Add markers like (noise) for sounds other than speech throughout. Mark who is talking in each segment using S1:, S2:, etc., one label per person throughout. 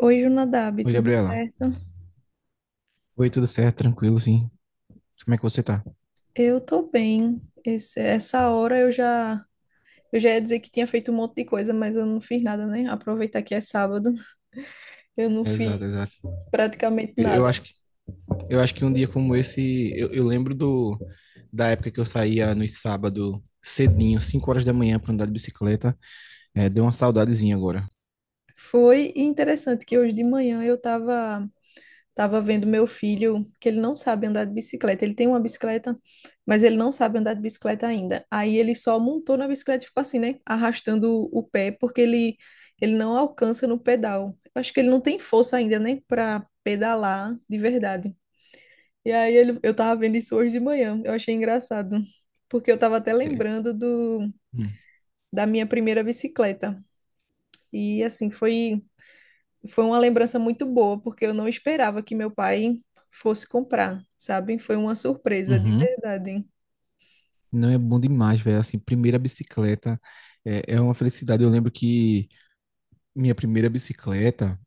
S1: Oi, Junadab,
S2: Oi,
S1: tudo
S2: Gabriela.
S1: certo?
S2: Oi, tudo certo? Tranquilo, sim. Como é que você tá?
S1: Eu tô bem. Essa hora eu já ia dizer que tinha feito um monte de coisa, mas eu não fiz nada, né? Aproveitar que é sábado, eu não fiz
S2: Exato, exato.
S1: praticamente
S2: Eu
S1: nada.
S2: acho que, eu acho que um dia como esse, eu lembro da época que eu saía no sábado cedinho, 5 horas da manhã pra andar de bicicleta. É, deu uma saudadezinha agora.
S1: Foi interessante que hoje de manhã eu tava tava vendo meu filho, que ele não sabe andar de bicicleta. Ele tem uma bicicleta, mas ele não sabe andar de bicicleta ainda. Aí ele só montou na bicicleta e ficou assim, né? Arrastando o pé, porque ele não alcança no pedal. Eu acho que ele não tem força ainda, né? Pra pedalar de verdade. E eu tava vendo isso hoje de manhã. Eu achei engraçado. Porque eu tava até lembrando
S2: Hum.
S1: da minha primeira bicicleta. E assim, foi uma lembrança muito boa, porque eu não esperava que meu pai fosse comprar, sabe? Foi uma surpresa, de
S2: Uhum.
S1: verdade.
S2: Não é bom demais, velho. Assim, primeira bicicleta é uma felicidade. Eu lembro que minha primeira bicicleta,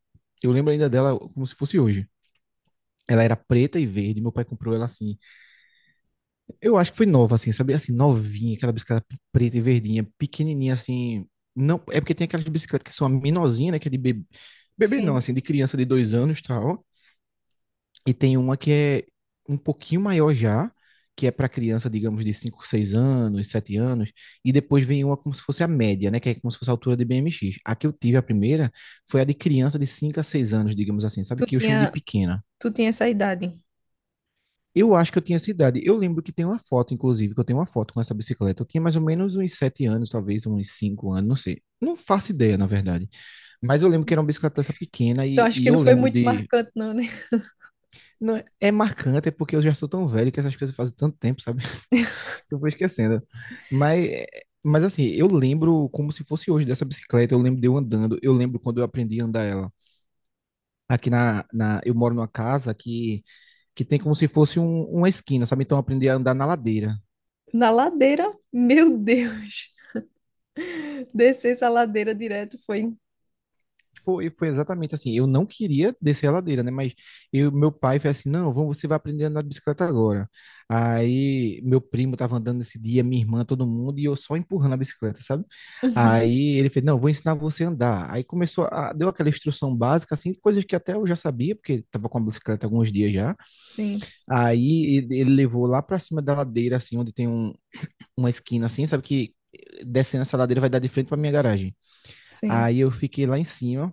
S2: eu lembro ainda dela como se fosse hoje. Ela era preta e verde. Meu pai comprou ela assim. Eu acho que foi nova, assim, sabe? Assim, novinha, aquela bicicleta preta e verdinha, pequenininha, assim. Não, é porque tem aquelas bicicletas que são a menorzinha, né? Que é de bebê. Bebê não,
S1: Sim,
S2: assim, de criança de 2 anos e tal. E tem uma que é um pouquinho maior já, que é para criança, digamos, de 5, 6 anos, 7 anos, e depois vem uma como se fosse a média, né, que é como se fosse a altura de BMX. A que eu tive a primeira foi a de criança de 5 a 6 anos, digamos assim, sabe
S1: tu
S2: que eu chamo de
S1: tinha,
S2: pequena.
S1: tu tinha essa idade.
S2: Eu acho que eu tinha essa idade. Eu lembro que tem uma foto, inclusive, que eu tenho uma foto com essa bicicleta. Eu tinha mais ou menos uns 7 anos, talvez uns 5 anos, não sei. Não faço ideia, na verdade. Mas eu lembro que era uma bicicleta dessa pequena
S1: Então
S2: e,
S1: acho
S2: e
S1: que
S2: eu
S1: não foi
S2: lembro
S1: muito
S2: de.
S1: marcante, não, né?
S2: Não, é marcante, é porque eu já sou tão velho que essas coisas fazem tanto tempo, sabe? (laughs) Que eu vou esquecendo. Mas, mas assim, eu lembro como se fosse hoje dessa bicicleta. Eu lembro de eu andando. Eu lembro quando eu aprendi a andar ela. Aqui eu moro numa casa que tem como se fosse uma esquina, sabe? Então eu aprendi a andar na ladeira.
S1: Na ladeira, meu Deus. (laughs) Descer essa ladeira direto foi. (laughs)
S2: Foi exatamente assim. Eu não queria descer a ladeira, né? Mas meu pai foi assim: não, vamos, você vai aprender a andar de bicicleta agora. Aí meu primo estava andando esse dia, minha irmã, todo mundo, e eu só empurrando a bicicleta, sabe?
S1: Uhum.
S2: Aí ele fez: não, vou ensinar você a andar. Aí começou, deu aquela instrução básica, assim, coisas que até eu já sabia, porque estava com a bicicleta há alguns dias já.
S1: Sim,
S2: Aí ele levou lá para cima da ladeira, assim, onde tem uma esquina, assim, sabe? Que descendo essa ladeira vai dar de frente para minha garagem.
S1: sim,
S2: Aí eu fiquei lá em cima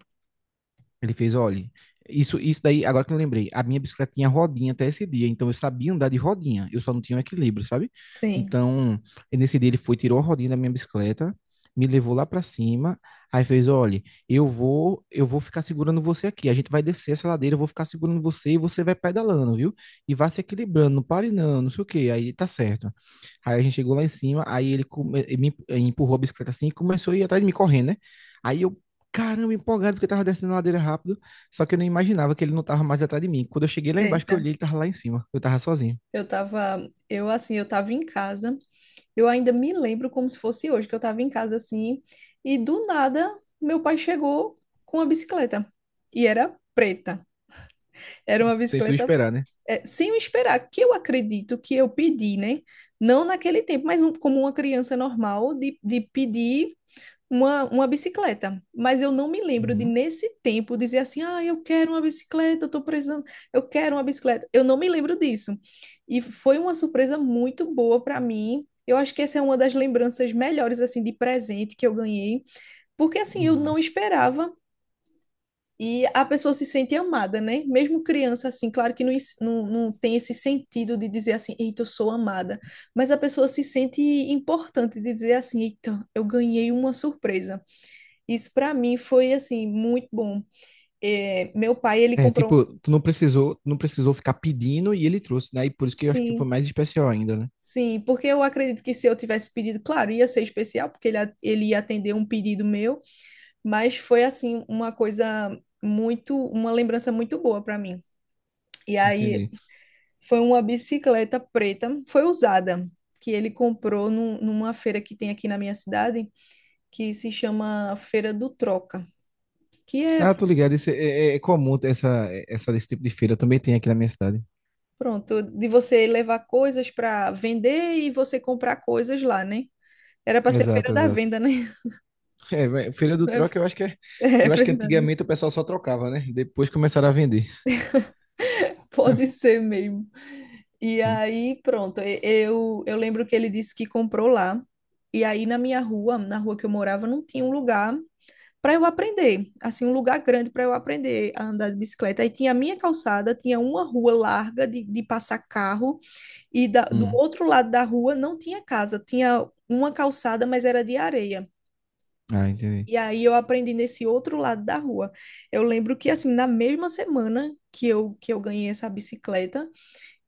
S2: ele fez: olha, isso daí, agora que eu lembrei, a minha bicicleta tinha rodinha até esse dia, então eu sabia andar de rodinha, eu só não tinha um equilíbrio, sabe?
S1: sim.
S2: Então, nesse dia ele foi, tirou a rodinha da minha bicicleta, me levou lá pra cima, aí fez: olha, eu vou ficar segurando você aqui, a gente vai descer essa ladeira, eu vou ficar segurando você e você vai pedalando, viu? E vai se equilibrando, não pare não, não sei o quê, aí tá certo. Aí a gente chegou lá em cima, aí ele me empurrou a bicicleta assim e começou a ir atrás de mim correndo, né? Aí eu caramba, empolgado, porque eu tava descendo a ladeira rápido. Só que eu não imaginava que ele não tava mais atrás de mim. Quando eu cheguei lá embaixo, que eu
S1: Eita,
S2: olhei, ele tava lá em cima. Eu tava sozinho.
S1: eu assim, eu tava em casa. Eu ainda me lembro como se fosse hoje, que eu estava em casa assim, e do nada meu pai chegou com uma bicicleta. E era preta. Era uma
S2: Sem tu
S1: bicicleta
S2: esperar, né?
S1: é, sem eu esperar, que eu acredito que eu pedi, né? Não naquele tempo, mas como uma criança normal, de pedir uma bicicleta, mas eu não me lembro de
S2: Uhum.
S1: nesse tempo dizer assim, ah, eu quero uma bicicleta, eu estou precisando, eu quero uma bicicleta. Eu não me lembro disso. E foi uma surpresa muito boa para mim. Eu acho que essa é uma das lembranças melhores assim de presente que eu ganhei, porque assim eu não
S2: Mas.
S1: esperava e a pessoa se sente amada, né? Mesmo criança assim, claro que não, não, tem esse sentido de dizer assim, eita, eu sou amada, mas a pessoa se sente importante de dizer assim, eita, eu ganhei uma surpresa. Isso para mim foi assim muito bom. É, meu pai ele
S2: É,
S1: comprou,
S2: tipo, tu não precisou, não precisou ficar pedindo e ele trouxe, né? E por isso que eu acho que foi
S1: sim,
S2: mais especial ainda, né?
S1: sim, porque eu acredito que se eu tivesse pedido, claro, ia ser especial porque ele ia atender um pedido meu, mas foi assim uma coisa muito, uma lembrança muito boa para mim. E aí
S2: Entendi.
S1: foi uma bicicleta preta, foi usada. Que ele comprou numa feira que tem aqui na minha cidade, que se chama Feira do Troca, que é
S2: Ah, tô ligado, esse, é, é comum ter esse tipo de feira, também tem aqui na minha cidade.
S1: pronto, de você levar coisas para vender e você comprar coisas lá, né? Era para ser feira
S2: Exato,
S1: da
S2: exato.
S1: venda, né?
S2: É, mas feira do troca, eu
S1: (laughs)
S2: acho que é...
S1: É
S2: eu acho que
S1: verdade,
S2: antigamente o pessoal só trocava, né? Depois começaram a vender.
S1: pode ser mesmo. E
S2: Hum.
S1: aí, pronto, eu lembro que ele disse que comprou lá. E aí, na minha rua, na rua que eu morava, não tinha um lugar para eu aprender, assim, um lugar grande para eu aprender a andar de bicicleta. Aí tinha a minha calçada, tinha uma rua larga de passar carro. E do
S2: Hum.
S1: outro lado da rua não tinha casa, tinha uma calçada, mas era de areia.
S2: Ah, entendi.
S1: E aí eu aprendi nesse outro lado da rua. Eu lembro que assim, na mesma semana que eu ganhei essa bicicleta,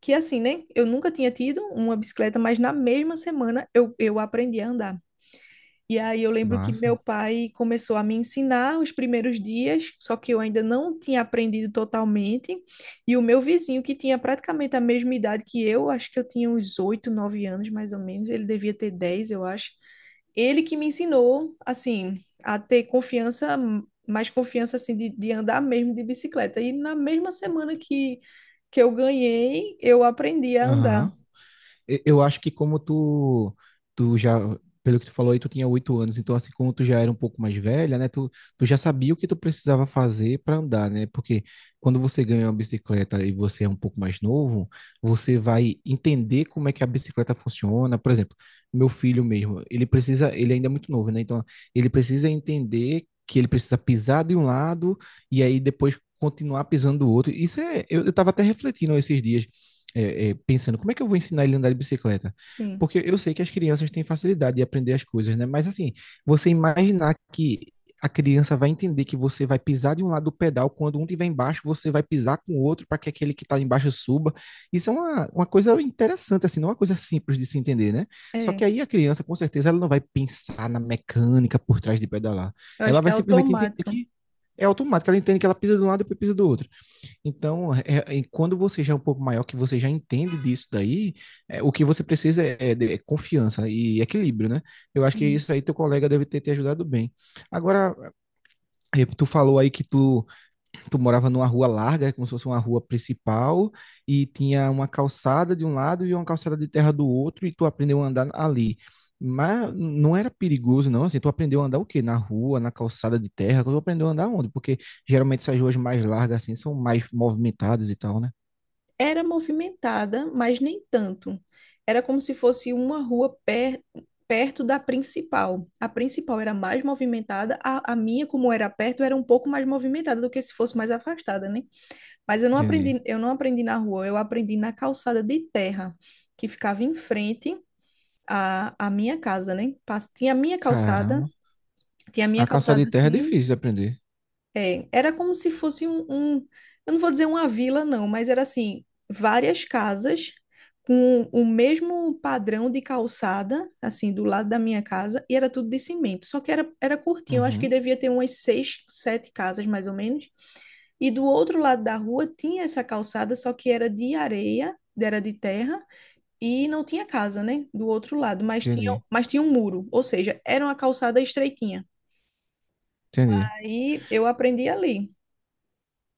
S1: que assim, né? Eu nunca tinha tido uma bicicleta, mas na mesma semana eu aprendi a andar. E aí eu lembro que meu
S2: Massa.
S1: pai começou a me ensinar os primeiros dias, só que eu ainda não tinha aprendido totalmente. E o meu vizinho, que tinha praticamente a mesma idade que eu, acho que eu tinha uns 8 9 anos mais ou menos, ele devia ter 10 eu acho. Ele que me ensinou, assim, a ter confiança, mais confiança, assim, de andar mesmo de bicicleta. E na mesma semana que eu ganhei, eu aprendi a andar.
S2: Aham. Eu acho que como tu, tu já, pelo que tu falou aí, tu tinha 8 anos, então assim como tu já era um pouco mais velha, né, tu já sabia o que tu precisava fazer para andar, né? Porque quando você ganha uma bicicleta e você é um pouco mais novo, você vai entender como é que a bicicleta funciona. Por exemplo, meu filho mesmo, ele ainda é muito novo, né? Então ele precisa entender que ele precisa pisar de um lado e aí depois continuar pisando do outro. Isso é, eu estava até refletindo esses dias pensando como é que eu vou ensinar ele a andar de bicicleta?
S1: Sim,
S2: Porque eu sei que as crianças têm facilidade de aprender as coisas, né? Mas assim, você imaginar que a criança vai entender que você vai pisar de um lado do pedal, quando um estiver embaixo, você vai pisar com o outro para que aquele que está embaixo suba. Isso é uma coisa interessante, assim, não é uma coisa simples de se entender, né? Só
S1: é.
S2: que aí a criança, com certeza, ela não vai pensar na mecânica por trás de pedalar.
S1: Eu acho
S2: Ela
S1: que é
S2: vai simplesmente entender
S1: automático.
S2: que é automático, ela entende que ela pisa de um lado e depois pisa do outro. Então, quando você já é um pouco maior, que você já entende disso daí, é, o que você precisa é, é confiança e equilíbrio, né? Eu acho que
S1: Sim.
S2: isso aí teu colega deve ter te ajudado bem. Agora, tu falou aí que tu morava numa rua larga, como se fosse uma rua principal, e tinha uma calçada de um lado e uma calçada de terra do outro, e tu aprendeu a andar ali. Mas não era perigoso, não. Assim, tu aprendeu a andar o quê? Na rua, na calçada de terra? Tu aprendeu a andar onde? Porque geralmente essas ruas mais largas, assim, são mais movimentadas e tal, né?
S1: Era movimentada, mas nem tanto. Era como se fosse uma perto da principal. A principal era mais movimentada, a minha, como era perto, era um pouco mais movimentada do que se fosse mais afastada, né? Mas
S2: Entendi.
S1: eu não aprendi na rua, eu aprendi na calçada de terra, que ficava em frente à minha casa, né? Pas- Tinha a minha calçada,
S2: Caramba.
S1: tinha a minha
S2: A calçada de
S1: calçada
S2: terra é
S1: assim,
S2: difícil de aprender.
S1: é, era como se fosse eu não vou dizer uma vila, não, mas era assim, várias casas com o mesmo padrão de calçada, assim, do lado da minha casa, e era tudo de cimento. Só que era curtinho, eu acho que
S2: Uhum.
S1: devia ter umas seis, sete casas, mais ou menos. E do outro lado da rua tinha essa calçada, só que era de areia, era de terra, e não tinha casa, né? Do outro lado,
S2: Entendi.
S1: mas tinha um muro, ou seja, era uma calçada estreitinha.
S2: Entendi.
S1: Aí eu aprendi ali.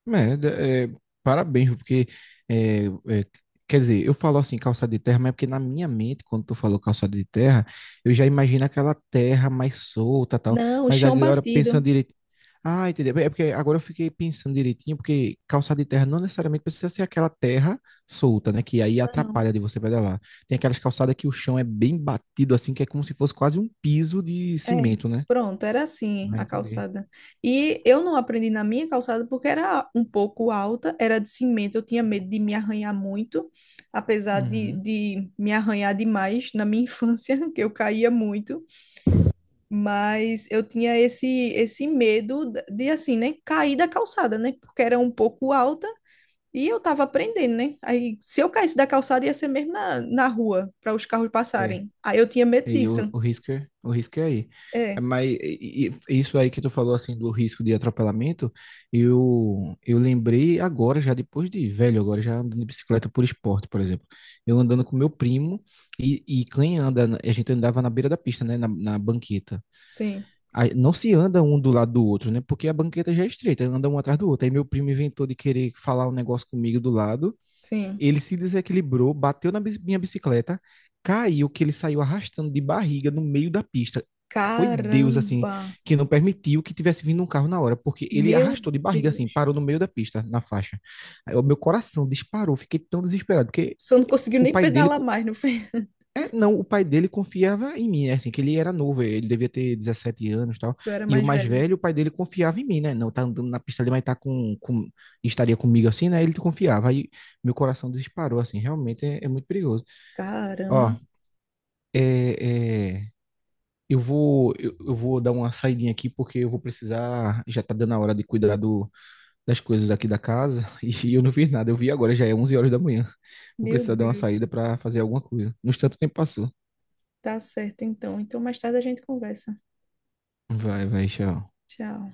S2: Merda, parabéns, porque, é, é, quer dizer, eu falo assim, calçada de terra, mas é porque na minha mente, quando tu falou calçada de terra, eu já imagino aquela terra mais solta tal,
S1: Não,
S2: mas
S1: chão
S2: agora pensando
S1: batido.
S2: direito, ah, entendeu? É porque agora eu fiquei pensando direitinho, porque calçada de terra não necessariamente precisa ser aquela terra solta, né, que aí
S1: Não,
S2: atrapalha de você pedalar. Tem aquelas calçadas que o chão é bem batido assim, que é como se fosse quase um piso de
S1: é.
S2: cimento, né?
S1: Pronto, era assim
S2: Ah,
S1: a
S2: entendi.
S1: calçada. E eu não aprendi na minha calçada porque era um pouco alta, era de cimento, eu tinha medo de me arranhar muito, apesar
S2: Uhum.
S1: de me arranhar demais na minha infância, (laughs) que eu caía muito, mas eu tinha esse medo assim, né, cair da calçada, né, porque era um pouco alta e eu tava aprendendo, né. Aí, se eu caísse da calçada, ia ser mesmo na rua, para os carros
S2: É.
S1: passarem. Aí eu tinha medo
S2: E aí
S1: disso.
S2: o o risco é aí. É,
S1: É,
S2: mas isso aí que tu falou assim do risco de atropelamento, eu lembrei agora já depois de velho, agora já andando de bicicleta por esporte, por exemplo. Eu andando com meu primo quem anda, a gente andava na beira da pista, né, na banqueta.
S1: sim.
S2: Aí não se anda um do lado do outro, né? Porque a banqueta já é estreita, anda um atrás do outro. Aí meu primo inventou de querer falar um negócio comigo do lado.
S1: Sim.
S2: Ele se desequilibrou, bateu na minha bicicleta, caiu, que ele saiu arrastando de barriga no meio da pista. Foi Deus, assim,
S1: Caramba!
S2: que não permitiu que tivesse vindo um carro na hora, porque ele
S1: Meu
S2: arrastou de barriga, assim,
S1: Deus!
S2: parou no meio da pista, na faixa. Aí o meu coração disparou, fiquei tão desesperado, porque
S1: Só não conseguiu
S2: o
S1: nem
S2: pai dele
S1: pedalar mais, não foi? (laughs)
S2: é, não, o pai dele confiava em mim, né? Assim, que ele era novo, ele devia ter 17 anos e tal.
S1: Eu era
S2: E o
S1: mais
S2: mais
S1: velha.
S2: velho, o pai dele confiava em mim, né? Não, tá andando na pista ali, mas tá estaria comigo assim, né? Ele confiava. Aí meu coração disparou, assim, realmente é muito perigoso.
S1: Caramba!
S2: Ó, é, é, eu vou dar uma saidinha aqui, porque eu vou precisar, já tá dando a hora de cuidar das coisas aqui da casa, (laughs) e eu não fiz nada, eu vi agora, já é 11 horas da manhã. Vou
S1: Meu
S2: precisar dar uma
S1: Deus!
S2: saída para fazer alguma coisa. No tanto tempo passou.
S1: Tá certo, então. Então, mais tarde a gente conversa.
S2: Vai, vai, tchau.
S1: Tchau.